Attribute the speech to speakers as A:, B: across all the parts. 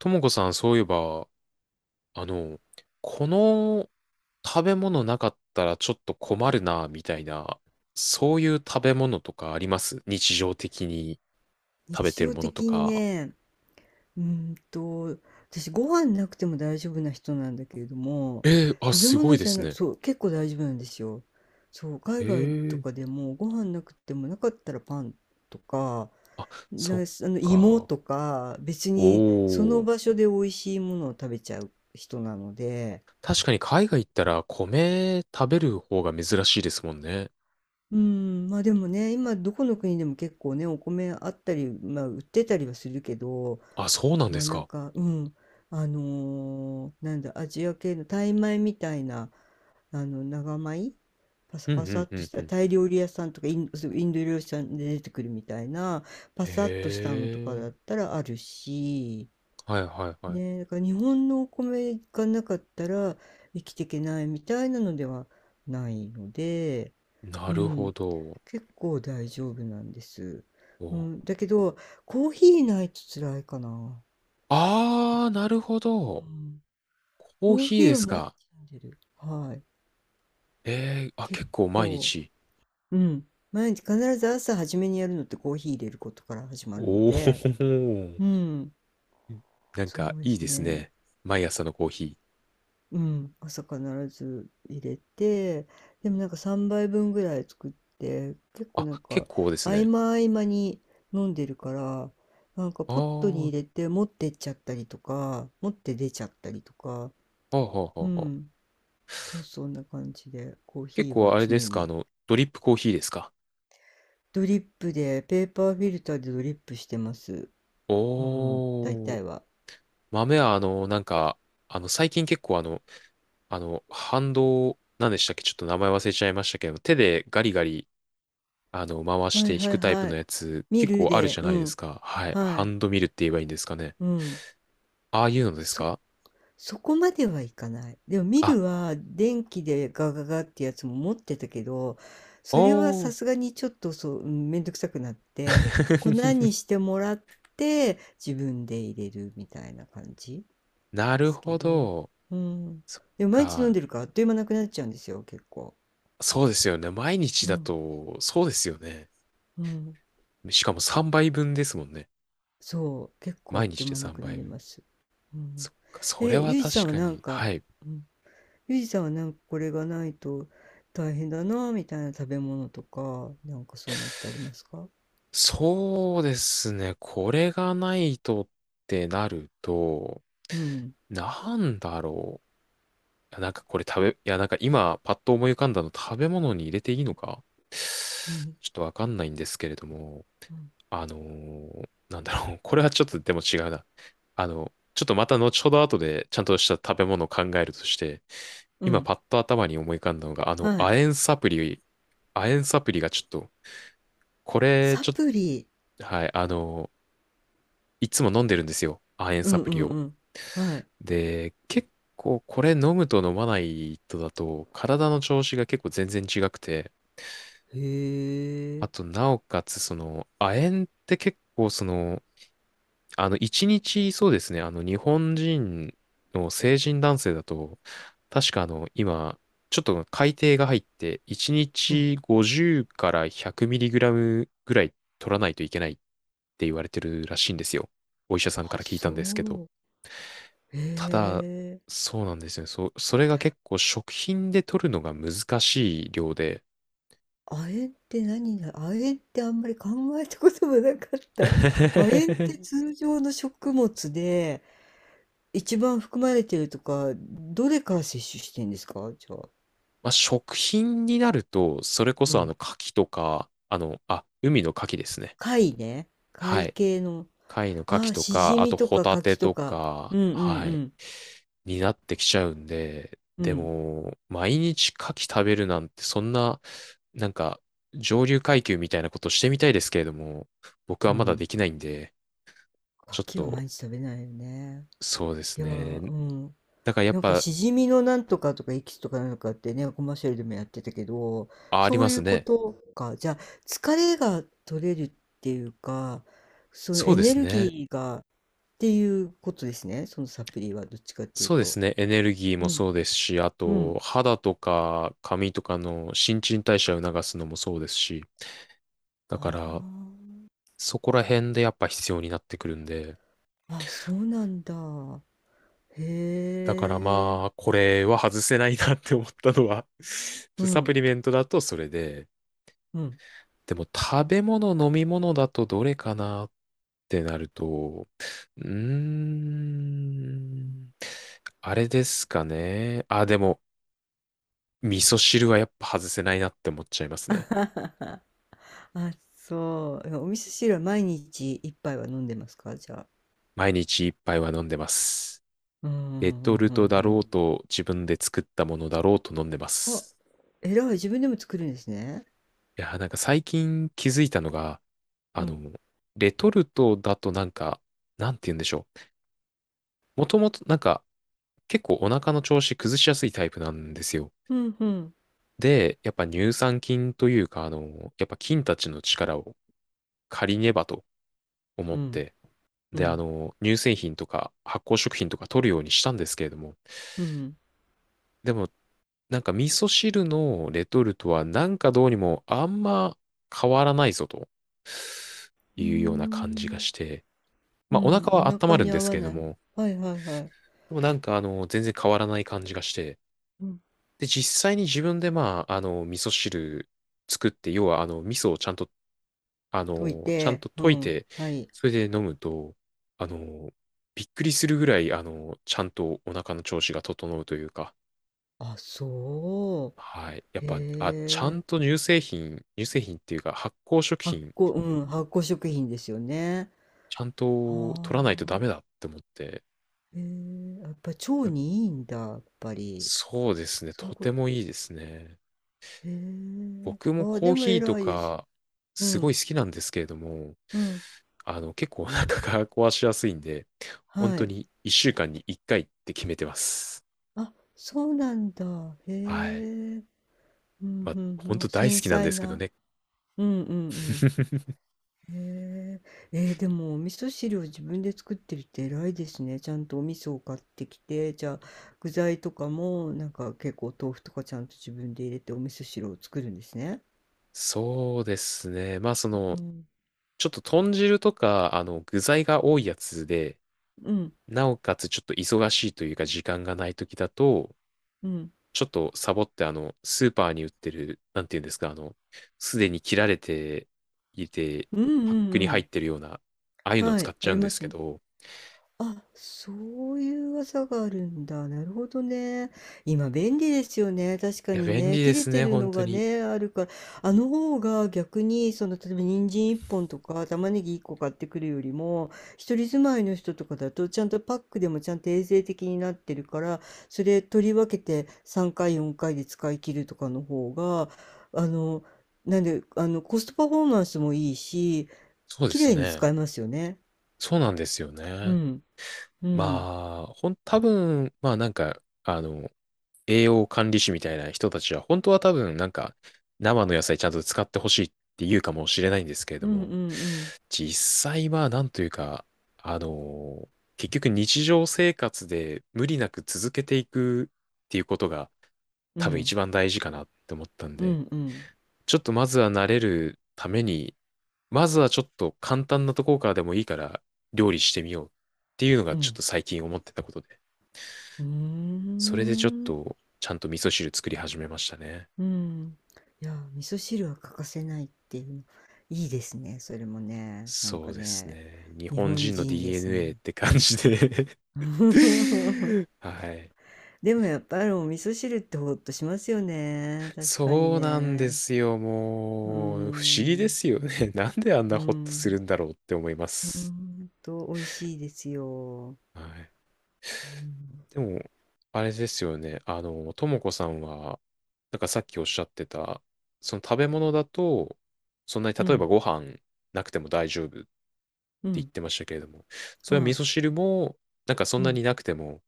A: ともこさん、そういえば、あの、この食べ物なかったらちょっと困るな、みたいな、そういう食べ物とかあります、日常的に食べ
B: 日
A: てる
B: 常
A: ものと
B: 的に
A: か？
B: ね、うーんと、私ご飯なくても大丈夫な人なんだけれども、
A: えー、あ、
B: 食べ
A: すごい
B: 物
A: で
B: じゃ
A: す
B: なく、
A: ね。
B: そう、結構大丈夫なんですよ。そう、
A: え
B: 海外と
A: ー、
B: かでもご飯なくてもなかったらパンとか、
A: あ、
B: な、
A: そっ
B: あの芋
A: か。
B: とか、別にそ
A: お
B: の
A: ー。
B: 場所で美味しいものを食べちゃう人なので、
A: 確かに海外行ったら米食べる方が珍しいですもんね。
B: うん、まあでもね、今どこの国でも結構ね、お米あったり、まあ売ってたりはするけど、
A: あ、そうなんで
B: まあ
A: す
B: なん
A: か。
B: か、うん、あのーなんだ、アジア系のタイ米みたいな、あの、長米パサ
A: うんう
B: パサ
A: ん
B: っ
A: う
B: とし
A: んう
B: た
A: ん。
B: タイ料理屋さんとかイン、そうインド料理屋さんで出てくるみたいな、パ
A: え
B: サっとしたのとか
A: ー、
B: だったらあるし、
A: はいはいはい。
B: ね、だから日本のお米がなかったら生きていけないみたいなのではないので、
A: な
B: う
A: るほ
B: ん、
A: ど。
B: 結構大丈夫なんです。う
A: お
B: ん、だけど、コーヒーないと辛いかな。
A: ああ、なるほ
B: う
A: ど。
B: ん。
A: コー
B: コー
A: ヒー
B: ヒ
A: で
B: ーを
A: す
B: 毎
A: か。
B: 日飲んでる。はい。
A: ええ、あ、
B: 結
A: 結構毎
B: 構、
A: 日。
B: うん。毎日必ず朝初めにやるのってコーヒー入れることから始ま
A: お
B: るの
A: お、
B: で、うん。
A: なん
B: そ
A: か
B: うで
A: いい
B: す
A: です
B: ね。
A: ね。毎朝のコーヒー。
B: うん。朝必ず入れて、でもなんか3杯分ぐらい作って、結構
A: あ、
B: なん
A: 結
B: か
A: 構です
B: 合
A: ね。
B: 間合間に飲んでるから、なんか
A: ああ、
B: ポットに
A: は
B: 入れて持ってっちゃったりとか、持って出ちゃったりとか、
A: あはあはあ
B: う
A: はあ。
B: ん。そうそうそんな感じで、コー
A: 結
B: ヒーは
A: 構あれ
B: 常
A: ですか、
B: に。
A: ドリップコーヒーですか。
B: ドリップで、ペーパーフィルターでドリップしてます。うん、大
A: おー、
B: 体は。
A: 豆は最近結構ハンド、なんでしたっけ、ちょっと名前忘れちゃいましたけど、手でガリガリ回し
B: は
A: て
B: い
A: 引
B: はい
A: くタイプ
B: は
A: の
B: い。
A: やつ、
B: ミ
A: 結
B: ル
A: 構ある
B: で、
A: じゃ
B: う
A: ないです
B: ん。
A: か。はい。
B: は
A: ハ
B: い。
A: ンドミルって言えばいいんですかね。
B: うん。
A: ああいうのです
B: そ、
A: か
B: そこまではいかない。でもミ
A: あ？
B: ルは電気でガガガってやつも持ってたけど、それは
A: お
B: さ
A: ー。
B: すがにちょっとそう、うん、めんどくさくなって、粉に してもらって自分で入れるみたいな感じ
A: な
B: で
A: る
B: すけ
A: ほ
B: ど。
A: ど。
B: うん。
A: そっ
B: でも毎日飲ん
A: か。
B: でるからあっという間なくなっちゃうんですよ、結構。
A: そうですよね。毎日
B: う
A: だ
B: ん。
A: と、そうですよね。
B: うん、
A: しかも3倍分ですもんね。
B: そう、結構あっ
A: 毎
B: と
A: 日
B: いう
A: で
B: 間な
A: 3
B: くな
A: 倍
B: り
A: 分。
B: ます。うん。
A: そっか。それ
B: え、
A: は
B: ゆうじさ
A: 確
B: んは
A: か
B: なん
A: に。
B: か、
A: はい。
B: うん、ゆうじさんはなんかこれがないと大変だなみたいな食べ物とか、なんかそういうのってありますか？
A: そうですね。これがないとってなると、
B: うん。
A: なんだろう。いや、なんかこれ食べ、いや、なんか今、パッと思い浮かんだの食べ物に入れていいのか、
B: 何。
A: ちょっとわかんないんですけれども、
B: うん。
A: なんだろう。これはちょっとでも違うな。ちょっとまた後ほど後でちゃんとした食べ物を考えるとして、
B: う
A: 今
B: ん。
A: パッと頭に思い浮かんだのが、亜
B: はい。
A: 鉛サプリ、亜鉛サプリがちょっと、これ、
B: サ
A: ちょっ
B: プリ。
A: と、はい、いつも飲んでるんですよ、亜鉛
B: う
A: サ
B: ん
A: プ
B: う
A: リ
B: ん
A: を。
B: うん。はい。
A: で、結構これ飲むと飲まないとだと、体の調子が結構全然違くて、
B: へ
A: あ
B: え。
A: と、なおかつ、その、亜鉛って結構、その、一日、そうですね、日本人の成人男性だと、確か今、ちょっと改定が入って、一
B: うん。
A: 日50から100ミリグラムぐらい取らないといけないって言われてるらしいんですよ。お医者さんか
B: あ、
A: ら聞いたんですけど。
B: そう。へ
A: ただ、
B: え。
A: そうなんですよね。そう、それが結構食品で取るのが難しい量で、
B: 亜鉛って亜鉛ってあんまり考えたこともなかった。亜鉛って 通常の食物で一番含まれてるとか、どれから摂取してんですかじゃあ。
A: まあ、食品になると、それこ
B: う
A: そ
B: ん。
A: 牡蠣とか、あ、海の牡蠣ですね。
B: 貝ね。
A: は
B: 貝
A: い。
B: 系の。
A: 貝の牡
B: あ
A: 蠣
B: あ、
A: と
B: しじ
A: か、あ
B: み
A: と
B: と
A: ホ
B: か牡
A: タテ
B: 蠣と
A: と
B: か。う
A: か、
B: んうんう
A: はい、
B: ん。
A: になってきちゃうんで、
B: う
A: で
B: ん。
A: も、毎日牡蠣食べるなんて、そんな、なんか、上流階級みたいなことしてみたいですけれども、僕
B: う
A: はまだ
B: ん。
A: できないんで、ちょっ
B: 牡蠣は
A: と、
B: 毎日食べないよね。
A: そうで
B: い
A: す
B: やー、
A: ね。
B: うん。
A: だからやっ
B: なんか
A: ぱ、
B: しじみのなんとかとかエキスとかなんかってね、コマーシャルでもやってたけど、
A: あ、あり
B: そ
A: ま
B: うい
A: す
B: うこ
A: ね。
B: とか。じゃあ、疲れが取れるっていうか、その
A: そう
B: エ
A: で
B: ネ
A: す
B: ル
A: ね。
B: ギーがっていうことですね。そのサプリはどっちかっていう
A: そうです
B: と。
A: ね。エネルギー
B: う
A: も
B: ん。
A: そうですし、あ
B: うん。
A: と、肌とか髪とかの新陳代謝を促すのもそうですし、だから、
B: あ
A: そこら辺でやっぱ必要になってくるんで、
B: あ、あ、そうなんだ。へ
A: だから
B: え。
A: まあ、これは外せないなって思ったのは ちょっ
B: う
A: とサプ
B: ん。
A: リメントだとそれで、
B: うん。
A: でも食べ物、飲み物だとどれかなってなると、うーん、あれですかね。あ、でも、味噌汁はやっぱ外せないなって思っちゃいますね。
B: あ、そう。お味噌汁は毎日一杯は飲んでますかじゃあ。
A: 毎日一杯は飲んでます。
B: うんう
A: レトルト
B: んう
A: だ
B: ん
A: ろう
B: うん。
A: と自分で作ったものだろうと飲んでま
B: あ、
A: す。
B: 偉い、自分でも作るんですね。
A: いやー、なんか最近気づいたのが、
B: う
A: あ
B: ん。
A: の、レトルトだとなんか、なんて言うんでしょう。もともとなんか結構お腹の調子崩しやすいタイプなんですよ。
B: うんふん。
A: で、やっぱ乳酸菌というか、やっぱ菌たちの力を借りねばと思
B: う
A: っ
B: ん、
A: て、
B: う
A: で、
B: ん、
A: 乳製品とか発酵食品とか取るようにしたんですけれども、
B: うん。
A: でも、なんか味噌汁のレトルトはなんかどうにもあんま変わらないぞと
B: うー
A: いうような感じが
B: ん。
A: して、
B: う
A: まあお
B: ん、
A: 腹
B: お
A: は温ま
B: 腹
A: る
B: に
A: んで
B: 合
A: す
B: わ
A: けれど
B: ない。
A: も、
B: はいはいはい。
A: でもなんか全然変わらない感じがして、
B: うん。
A: で実際に自分でまあ味噌汁作って、要は味噌をちゃんと
B: 溶い
A: ちゃん
B: て、
A: と
B: う
A: 溶い
B: ん、
A: て、
B: はい。
A: それで飲むと、あのびっくりするぐらいちゃんとお腹の調子が整うというか、
B: あ、そ
A: はい。やっ
B: う。
A: ぱ、あ、ちゃ
B: へえ。
A: んと乳製品、乳製品っていうか発酵食
B: 発
A: 品、
B: 酵、うん、発酵食品ですよね。
A: ちゃんと
B: は
A: 取らないとダメ
B: あ。
A: だって思って。
B: へえ、やっぱ腸
A: だ
B: にいいんだ、やっぱり。
A: そうですね。
B: そういう
A: と
B: こ
A: て
B: と。
A: もいいですね。
B: へえ。
A: 僕も
B: あ、
A: コ
B: で
A: ー
B: も
A: ヒーと
B: 偉いです。
A: か、
B: う
A: すご
B: ん、
A: い好きなんですけれども、
B: うん。
A: 結構お腹が壊しやすいんで、本
B: は
A: 当
B: い。
A: に1週間に1回って決めてます。
B: あ、そうなんだ。へ
A: はい。
B: え。うん
A: まあ、
B: う
A: 本
B: んうん。
A: 当大好
B: 繊
A: きなん
B: 細
A: ですけど
B: な。
A: ね。
B: うんうん うん。へえ。えーでもお味噌汁を自分で作ってるって偉いですね。ちゃんとお味噌を買ってきて、じゃあ具材とかもなんか結構豆腐とかちゃんと自分で入れてお味噌汁を作るんですね。
A: そうですね。まあ、そ
B: う
A: の、
B: ん。
A: ちょっと豚汁とか、具材が多いやつで、
B: うん
A: なおかつちょっと忙しいというか時間がない時だと、
B: うん。
A: ちょっとサボってスーパーに売ってる、なんていうんですか、すでに切られていて、
B: うんう
A: パッ
B: ん
A: クに
B: う
A: 入っ
B: ん。
A: てるような、ああいうのを
B: は
A: 使
B: い、
A: っ
B: あ
A: ちゃう
B: り
A: んで
B: ま
A: すけ
B: す。
A: ど、
B: あ、そういう技があるんだ。なるほどね。今便利ですよね。確か
A: いや、
B: に
A: 便
B: ね。
A: 利で
B: 切れ
A: す
B: て
A: ね、
B: る
A: 本
B: の
A: 当
B: が
A: に。
B: ね、あるから。あの方が逆に、その、例えば人参1本とか玉ねぎ1個買ってくるよりも、一人住まいの人とかだと、ちゃんとパックでもちゃんと衛生的になってるから、それ取り分けて3回、4回で使い切るとかの方が、あの、なんで、あの、コストパフォーマンスもいいし、
A: そうで
B: 綺
A: す
B: 麗に使
A: ね。
B: えますよね。
A: そうなんですよ
B: う
A: ね。
B: ん、うん。
A: まあ、多分、まあなんか、栄養管理士みたいな人たちは、本当は多分なんか生の野菜ちゃんと使ってほしいって言うかもしれないんですけれ
B: う
A: ど
B: んう
A: も、
B: ん
A: 実際はなんというか、あのー結局日常生活で無理なく続けていくっていうことが
B: うん
A: 多
B: う
A: 分
B: ん
A: 一番大事かなって思ったん
B: う
A: で、
B: んうん
A: ちょっとまずは慣れるために、まずはちょっと簡単なところからでもいいから料理してみようっていうの
B: う
A: がちょっ
B: ん
A: と最近思ってたことで、
B: うー
A: それでちょっ
B: ん
A: とちゃんと味噌汁作り始めましたね。
B: うん。いや味噌汁は欠かせないっていうのいいですねそれもねなん
A: そ
B: か
A: うです
B: ね。
A: ね。日
B: 日
A: 本
B: 本
A: 人の
B: 人です
A: DNA
B: ね。
A: って感じで はい。
B: でもやっぱりお味噌汁ってほっとしますよね確かに
A: そうなんで
B: ね。
A: すよ。
B: うー
A: もう、不思議で
B: ん
A: すよね。なんであん
B: う
A: なホッとす
B: ん
A: るんだろうって思いま
B: ほ
A: す。
B: んと美味しいですよ。
A: はい。
B: うん
A: でも、あれですよね。ともこさんは、なんかさっきおっしゃってた、その食べ物だと、そんなに
B: う
A: 例えば
B: ん
A: ご飯なくても大丈夫って
B: う
A: 言っ
B: ん。
A: てましたけれども、それは味
B: は
A: 噌汁も、なんかそ
B: い。
A: ん
B: う
A: な
B: ん。
A: になくても、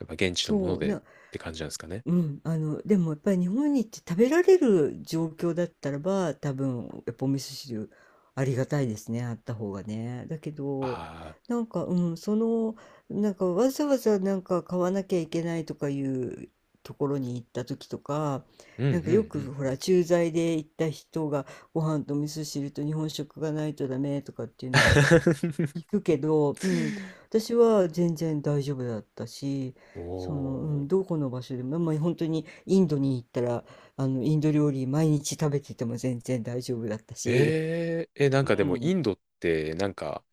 A: やっぱ現地のもの
B: そう
A: でっ
B: ね。
A: て感じなんですかね。
B: うん、あの、でもやっぱり日本に行って食べられる状況だったらば、多分やっぱお味噌汁ありがたいですね、あった方がね。だけ
A: あ
B: ど、
A: あ、
B: なんか、うん、その、なんかわざわざなんか買わなきゃいけないとかいうところに行った時とか、
A: うんう
B: な
A: ん
B: んかよ
A: う
B: く
A: ん
B: ほ
A: う
B: ら、
A: ん。
B: 駐在で行った人がご飯と味噌汁と日本食がないとダメとかっていうのはある、聞くけど、うん、私は全然大丈夫だったし、その、う
A: お
B: ん、
A: ー。
B: どこの場所でも、まあ、本当にインドに行ったら、あの、インド料理毎日食べてても全然大丈夫だったし、
A: えー、え、なんかで
B: う
A: もイ
B: ん。
A: ンドって、なんか、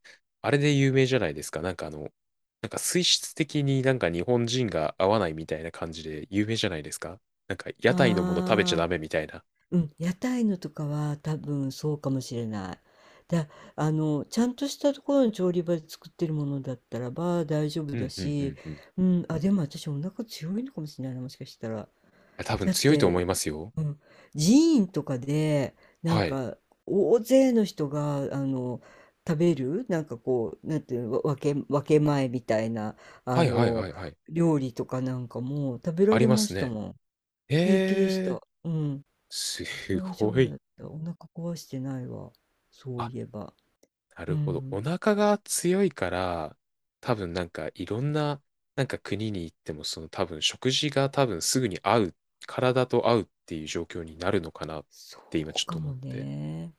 A: あれで有名じゃないですか。なんかなんか水質的になんか日本人が合わないみたいな感じで有名じゃないですか。なんか屋台のもの食べちゃダ
B: ああ、
A: メみたいな。
B: うん、屋台のとかは多分そうかもしれない。だ、あの、ちゃんとしたところの調理場で作ってるものだったらば大丈夫
A: う
B: だ
A: んうんう
B: し、
A: んうん。い
B: うん、あ、でも私お腹強いのかもしれないな、もしかしたら。
A: や多分
B: だっ
A: 強いと思い
B: て、
A: ますよ。
B: うん、寺院とかでなん
A: はい。
B: か大勢の人があの食べるなんかこうなんていうのわ分け、分け前みたいなあ
A: はいはい
B: の
A: はいはい。
B: 料理とかなんかも食べ
A: あ
B: ら
A: り
B: れ
A: ま
B: ま
A: す
B: した
A: ね。
B: もん。平気でし
A: え
B: た、
A: ー、
B: うん、
A: す
B: 大丈
A: ご
B: 夫だ
A: い。
B: ったお腹壊してないわ、そう
A: あ、
B: いえば。
A: な
B: う
A: るほど。
B: ん、
A: お腹が強いから、多分なんかいろんな、なんか国に行っても、その多分食事が多分すぐに合う、体と合うっていう状況になるのかなっ
B: そ
A: て今ち
B: う
A: ょっ
B: か
A: と思っ
B: も
A: て。
B: ね。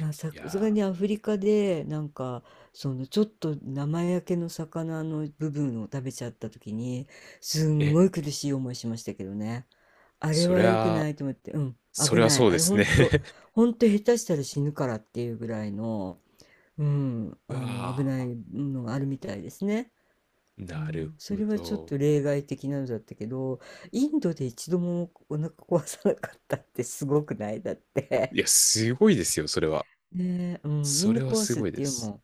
B: あ、さ
A: い
B: さす
A: や
B: がにアフリカでなんかそのちょっと生焼けの魚の部分を食べちゃった時にす
A: ー、
B: ん
A: え、
B: ごい苦しい思いしましたけどね。あれ
A: そり
B: は良く
A: ゃ、
B: ないと思って、うん、
A: そ
B: 危
A: りゃ
B: ない、
A: そう
B: あ
A: で
B: れほ
A: す
B: ん
A: ね。
B: と、ほんと下手したら死ぬからっていうぐらいの、うん、
A: う
B: あの危
A: わ
B: な
A: あ、
B: いのがあるみたいですね。う
A: なる
B: ん、
A: ほ
B: それはちょっ
A: ど。
B: と例外的なのだったけどインドで一度もお腹壊さなかったってすごくないだっ
A: い
B: て。
A: や、すごいですよ、それは。
B: ねえ、うん、み
A: そ
B: んな
A: れは
B: 壊
A: す
B: すっ
A: ごい
B: て
A: で
B: いう
A: す。
B: も